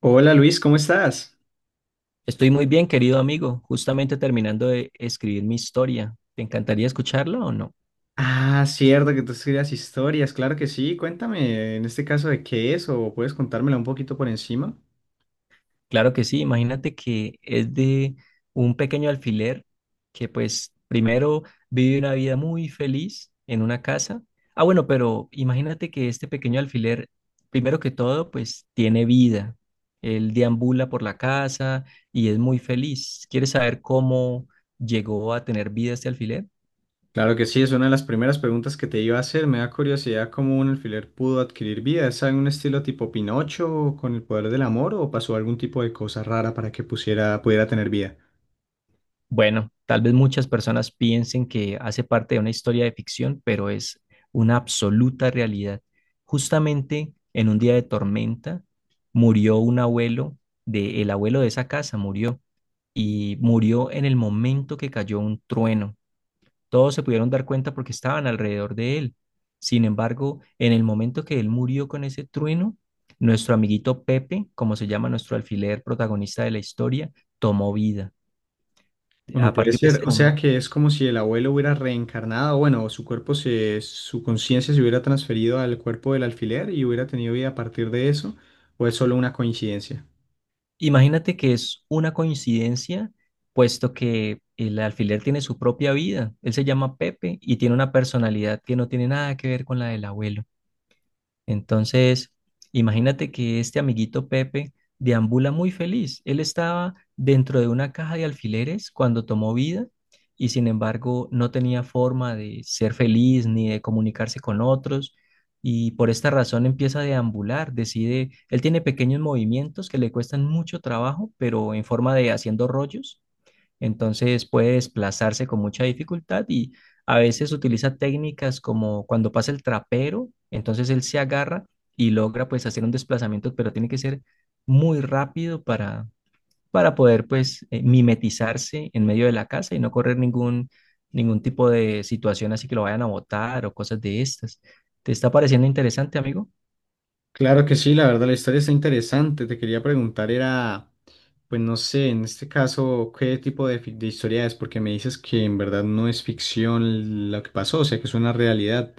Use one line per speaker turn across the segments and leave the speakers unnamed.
Hola Luis, ¿cómo estás?
Estoy muy bien, querido amigo, justamente terminando de escribir mi historia. ¿Te encantaría escucharla o no?
Ah, cierto que tú estudias historias, claro que sí. Cuéntame en este caso de qué es o puedes contármela un poquito por encima.
Claro que sí, imagínate que es de un pequeño alfiler que pues primero vive una vida muy feliz en una casa. Ah, bueno, pero imagínate que este pequeño alfiler, primero que todo, pues tiene vida. Él deambula por la casa y es muy feliz. ¿Quieres saber cómo llegó a tener vida este alfiler?
Claro que sí, es una de las primeras preguntas que te iba a hacer. Me da curiosidad cómo un alfiler pudo adquirir vida. ¿Es algún estilo tipo Pinocho con el poder del amor o pasó algún tipo de cosa rara para que pusiera, pudiera tener vida?
Bueno, tal vez muchas personas piensen que hace parte de una historia de ficción, pero es una absoluta realidad. Justamente en un día de tormenta murió el abuelo de esa casa murió y murió en el momento que cayó un trueno. Todos se pudieron dar cuenta porque estaban alrededor de él. Sin embargo, en el momento que él murió con ese trueno, nuestro amiguito Pepe, como se llama nuestro alfiler protagonista de la historia, tomó vida.
Bueno,
A
puede
partir de
ser.
ese
O sea
momento,
que es como si el abuelo hubiera reencarnado, bueno, su cuerpo se, su conciencia se hubiera transferido al cuerpo del alfiler y hubiera tenido vida a partir de eso, o es solo una coincidencia.
imagínate que es una coincidencia, puesto que el alfiler tiene su propia vida. Él se llama Pepe y tiene una personalidad que no tiene nada que ver con la del abuelo. Entonces, imagínate que este amiguito Pepe deambula muy feliz. Él estaba dentro de una caja de alfileres cuando tomó vida y sin embargo no tenía forma de ser feliz ni de comunicarse con otros y por esta razón empieza a deambular, decide, él tiene pequeños movimientos que le cuestan mucho trabajo, pero en forma de haciendo rollos entonces puede desplazarse con mucha dificultad y a veces utiliza técnicas como cuando pasa el trapero, entonces él se agarra y logra pues hacer un desplazamiento, pero tiene que ser muy rápido para poder pues mimetizarse en medio de la casa y no correr ningún tipo de situación así que lo vayan a botar o cosas de estas. ¿Te está pareciendo interesante, amigo?
Claro que sí, la verdad, la historia está interesante. Te quería preguntar, era, pues no sé, en este caso, ¿qué tipo de historia es? Porque me dices que en verdad no es ficción lo que pasó, o sea que es una realidad.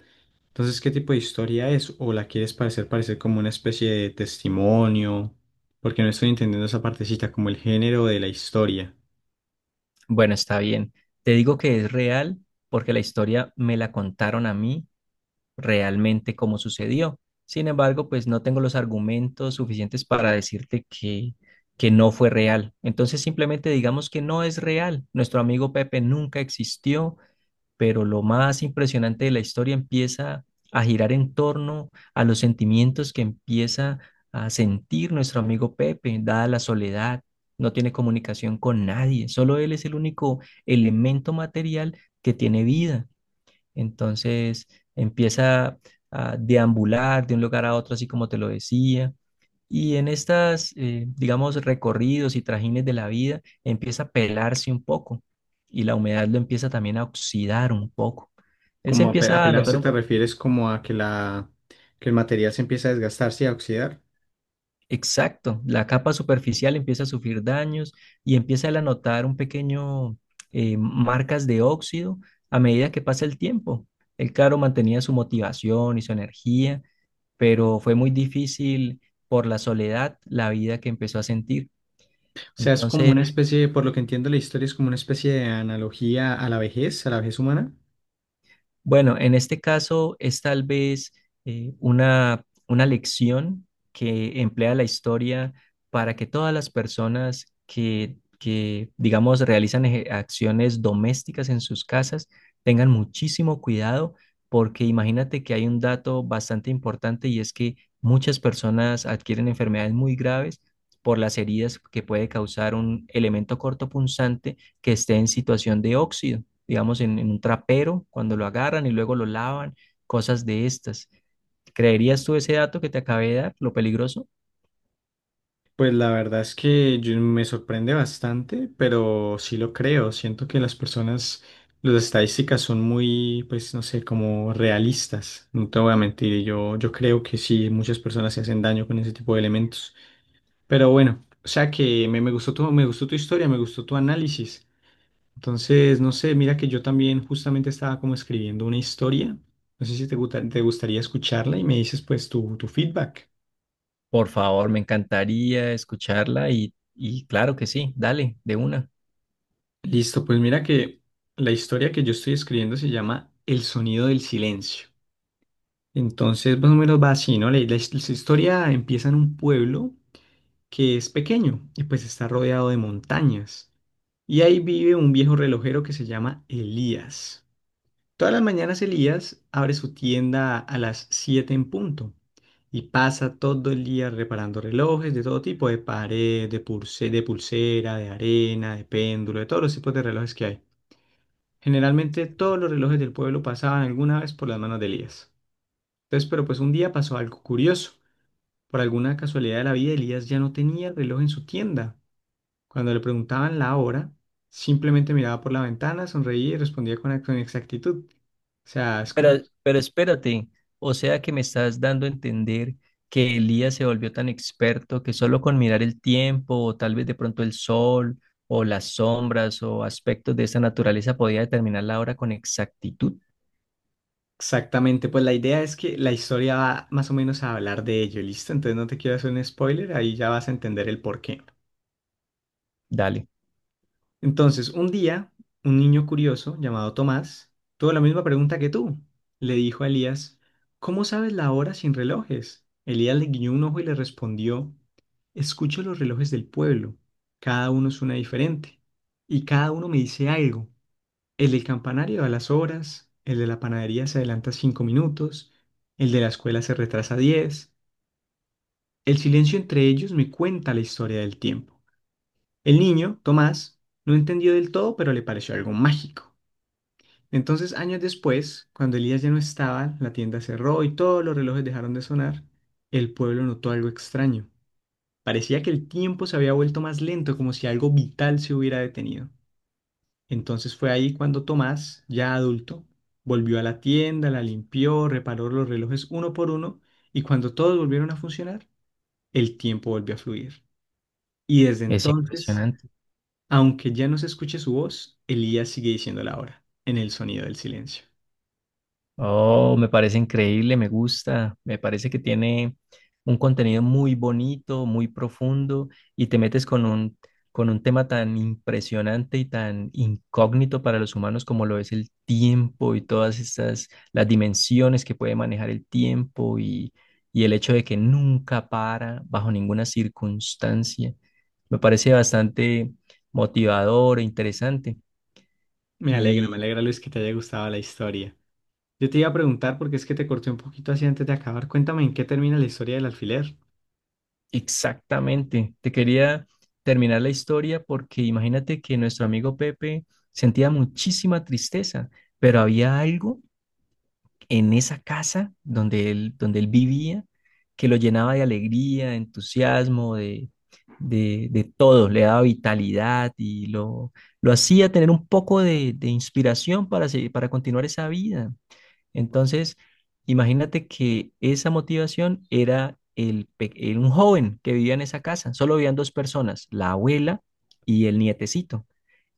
Entonces, ¿qué tipo de historia es? ¿O la quieres parecer como una especie de testimonio? Porque no estoy entendiendo esa partecita, como el género de la historia.
Bueno, está bien. Te digo que es real porque la historia me la contaron a mí realmente cómo sucedió. Sin embargo, pues no tengo los argumentos suficientes para decirte que no fue real. Entonces simplemente digamos que no es real. Nuestro amigo Pepe nunca existió, pero lo más impresionante de la historia empieza a girar en torno a los sentimientos que empieza a sentir nuestro amigo Pepe, dada la soledad. No tiene comunicación con nadie, solo él es el único elemento material que tiene vida. Entonces empieza a deambular de un lugar a otro, así como te lo decía. Y en estas, digamos, recorridos y trajines de la vida, empieza a pelarse un poco y la humedad lo empieza también a oxidar un poco. Él se
Como
empieza a notar
apelarse
un-
te refieres como a que la que el material se empieza a desgastarse y a oxidar.
exacto, la capa superficial empieza a sufrir daños y empieza él a notar un pequeño marcas de óxido a medida que pasa el tiempo. El claro, mantenía su motivación y su energía pero fue muy difícil por la soledad, la vida que empezó a sentir.
O sea, es como
Entonces,
una especie, por lo que entiendo la historia, es como una especie de analogía a la vejez humana.
Bueno, en este caso es tal vez una lección que emplea la historia para que todas las personas que digamos, realizan eje- acciones domésticas en sus casas tengan muchísimo cuidado, porque imagínate que hay un dato bastante importante y es que muchas personas adquieren enfermedades muy graves por las heridas que puede causar un elemento cortopunzante que esté en situación de óxido digamos, en un trapero cuando lo agarran y luego lo lavan, cosas de estas. ¿Creerías tú ese dato que te acabé de dar, lo peligroso?
Pues la verdad es que me sorprende bastante, pero sí lo creo. Siento que las personas, las estadísticas son muy, pues no sé, como realistas. No te voy a mentir, y yo creo que sí, muchas personas se hacen daño con ese tipo de elementos. Pero bueno, o sea que me gustó tu historia, me gustó tu análisis. Entonces, no sé, mira que yo también justamente estaba como escribiendo una historia. No sé si te gustaría escucharla y me dices pues tu feedback.
Por favor, me encantaría escucharla y claro que sí, dale, de una.
Listo, pues mira que la historia que yo estoy escribiendo se llama El sonido del silencio. Entonces, más o menos va así, ¿no? La historia empieza en un pueblo que es pequeño y pues está rodeado de montañas. Y ahí vive un viejo relojero que se llama Elías. Todas las mañanas Elías abre su tienda a las 7 en punto y pasa todo el día reparando relojes de todo tipo, de pared, de pulsera, de arena, de péndulo, de todos los tipos de relojes que hay. Generalmente todos los relojes del pueblo pasaban alguna vez por las manos de Elías. Entonces, pero pues un día pasó algo curioso. Por alguna casualidad de la vida, Elías ya no tenía el reloj en su tienda. Cuando le preguntaban la hora, simplemente miraba por la ventana, sonreía y respondía con exactitud. O sea, es
Pero,
como
pero espérate, o sea que me estás dando a entender que Elías se volvió tan experto que solo con mirar el tiempo o tal vez de pronto el sol o las sombras o aspectos de esa naturaleza podía determinar la hora con exactitud.
exactamente, pues la idea es que la historia va más o menos a hablar de ello, ¿listo? Entonces no te quiero hacer un spoiler, ahí ya vas a entender el porqué.
Dale,
Entonces, un día, un niño curioso llamado Tomás tuvo la misma pregunta que tú. Le dijo a Elías, ¿cómo sabes la hora sin relojes? Elías le guiñó un ojo y le respondió, escucho los relojes del pueblo. Cada uno es suena diferente. Y cada uno me dice algo. El del campanario da las horas, el de la panadería se adelanta 5 minutos, el de la escuela se retrasa 10. El silencio entre ellos me cuenta la historia del tiempo. El niño, Tomás, no entendió del todo, pero le pareció algo mágico. Entonces, años después, cuando Elías ya no estaba, la tienda cerró y todos los relojes dejaron de sonar, el pueblo notó algo extraño. Parecía que el tiempo se había vuelto más lento, como si algo vital se hubiera detenido. Entonces fue ahí cuando Tomás, ya adulto, volvió a la tienda, la limpió, reparó los relojes uno por uno y cuando todos volvieron a funcionar, el tiempo volvió a fluir. Y desde
es
entonces
impresionante.
aunque ya no se escuche su voz, Elías sigue diciendo la hora, en el sonido del silencio.
Oh, me parece increíble, me gusta, me parece que tiene un contenido muy bonito, muy profundo y te metes con un tema tan impresionante y tan incógnito para los humanos como lo es el tiempo y todas estas, las dimensiones que puede manejar el tiempo y el hecho de que nunca para bajo ninguna circunstancia. Me parece bastante motivador e interesante.
Me alegra Luis que te haya gustado la historia. Yo te iba a preguntar porque es que te corté un poquito así antes de acabar. Cuéntame en qué termina la historia del alfiler.
Exactamente. Te quería terminar la historia porque imagínate que nuestro amigo Pepe sentía muchísima tristeza, pero había algo en esa casa donde él vivía que lo llenaba de alegría, de entusiasmo, de todo. Le daba vitalidad y lo hacía tener un poco de inspiración para, seguir- para continuar esa vida. Entonces, imagínate que esa motivación era el, pe- era un joven que vivía en esa casa. Solo vivían dos personas, la abuela y el nietecito.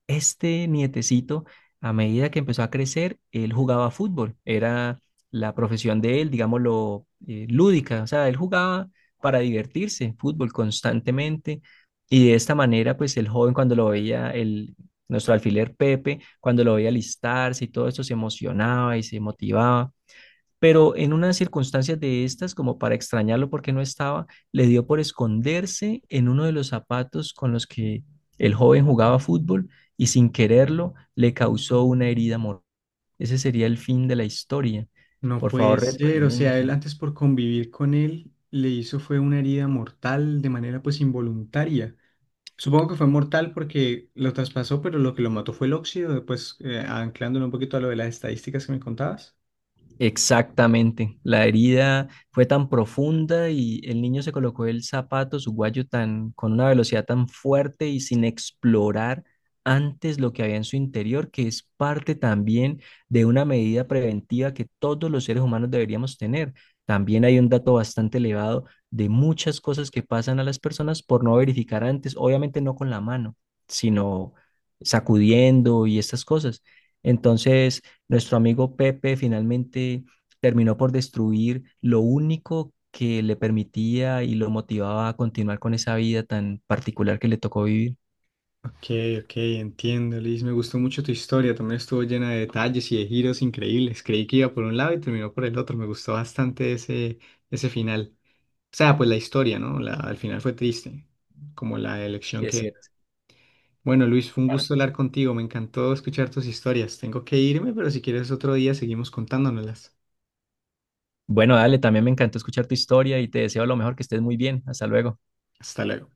Este nietecito, a medida que empezó a crecer, él jugaba fútbol. Era la profesión de él, digámoslo, lúdica. O sea, él jugaba para divertirse, fútbol constantemente. Y de esta manera, pues el joven cuando lo veía, nuestro alfiler Pepe, cuando lo veía alistarse y todo esto, se emocionaba y se motivaba pero en unas circunstancias de estas, como para extrañarlo porque no estaba, le dio por esconderse en uno de los zapatos con los que el joven jugaba fútbol y sin quererlo le causó una herida mortal. Ese sería el fin de la historia.
No
Por
puede
favor,
ser, o sea, él
retroalimenta.
antes por convivir con él le hizo fue una herida mortal de manera pues involuntaria. Supongo que fue mortal porque lo traspasó, pero lo que lo mató fue el óxido, pues anclándolo un poquito a lo de las estadísticas que me contabas.
Exactamente. La herida fue tan profunda y el niño se colocó el zapato, su guayo tan, con una velocidad tan fuerte y sin explorar antes lo que había en su interior, que es parte también de una medida preventiva que todos los seres humanos deberíamos tener. También hay un dato bastante elevado de muchas cosas que pasan a las personas por no verificar antes, obviamente no con la mano, sino sacudiendo y estas cosas. Entonces, nuestro amigo Pepe finalmente terminó por destruir lo único que le permitía y lo motivaba a continuar con esa vida tan particular que le tocó vivir.
Ok, ok, entiendo, Liz. Me gustó mucho tu historia. También estuvo llena de detalles y de giros increíbles. Creí que iba por un lado y terminó por el otro. Me gustó bastante ese, ese final. O sea, pues la historia, ¿no? La, al final fue triste, como la elección
Sí, es
que...
cierto.
Bueno, Luis, fue un
Claro.
gusto hablar contigo. Me encantó escuchar tus historias. Tengo que irme, pero si quieres otro día seguimos contándonoslas.
Bueno, dale, también me encantó escuchar tu historia y te deseo lo mejor, que estés muy bien. Hasta luego.
Hasta luego.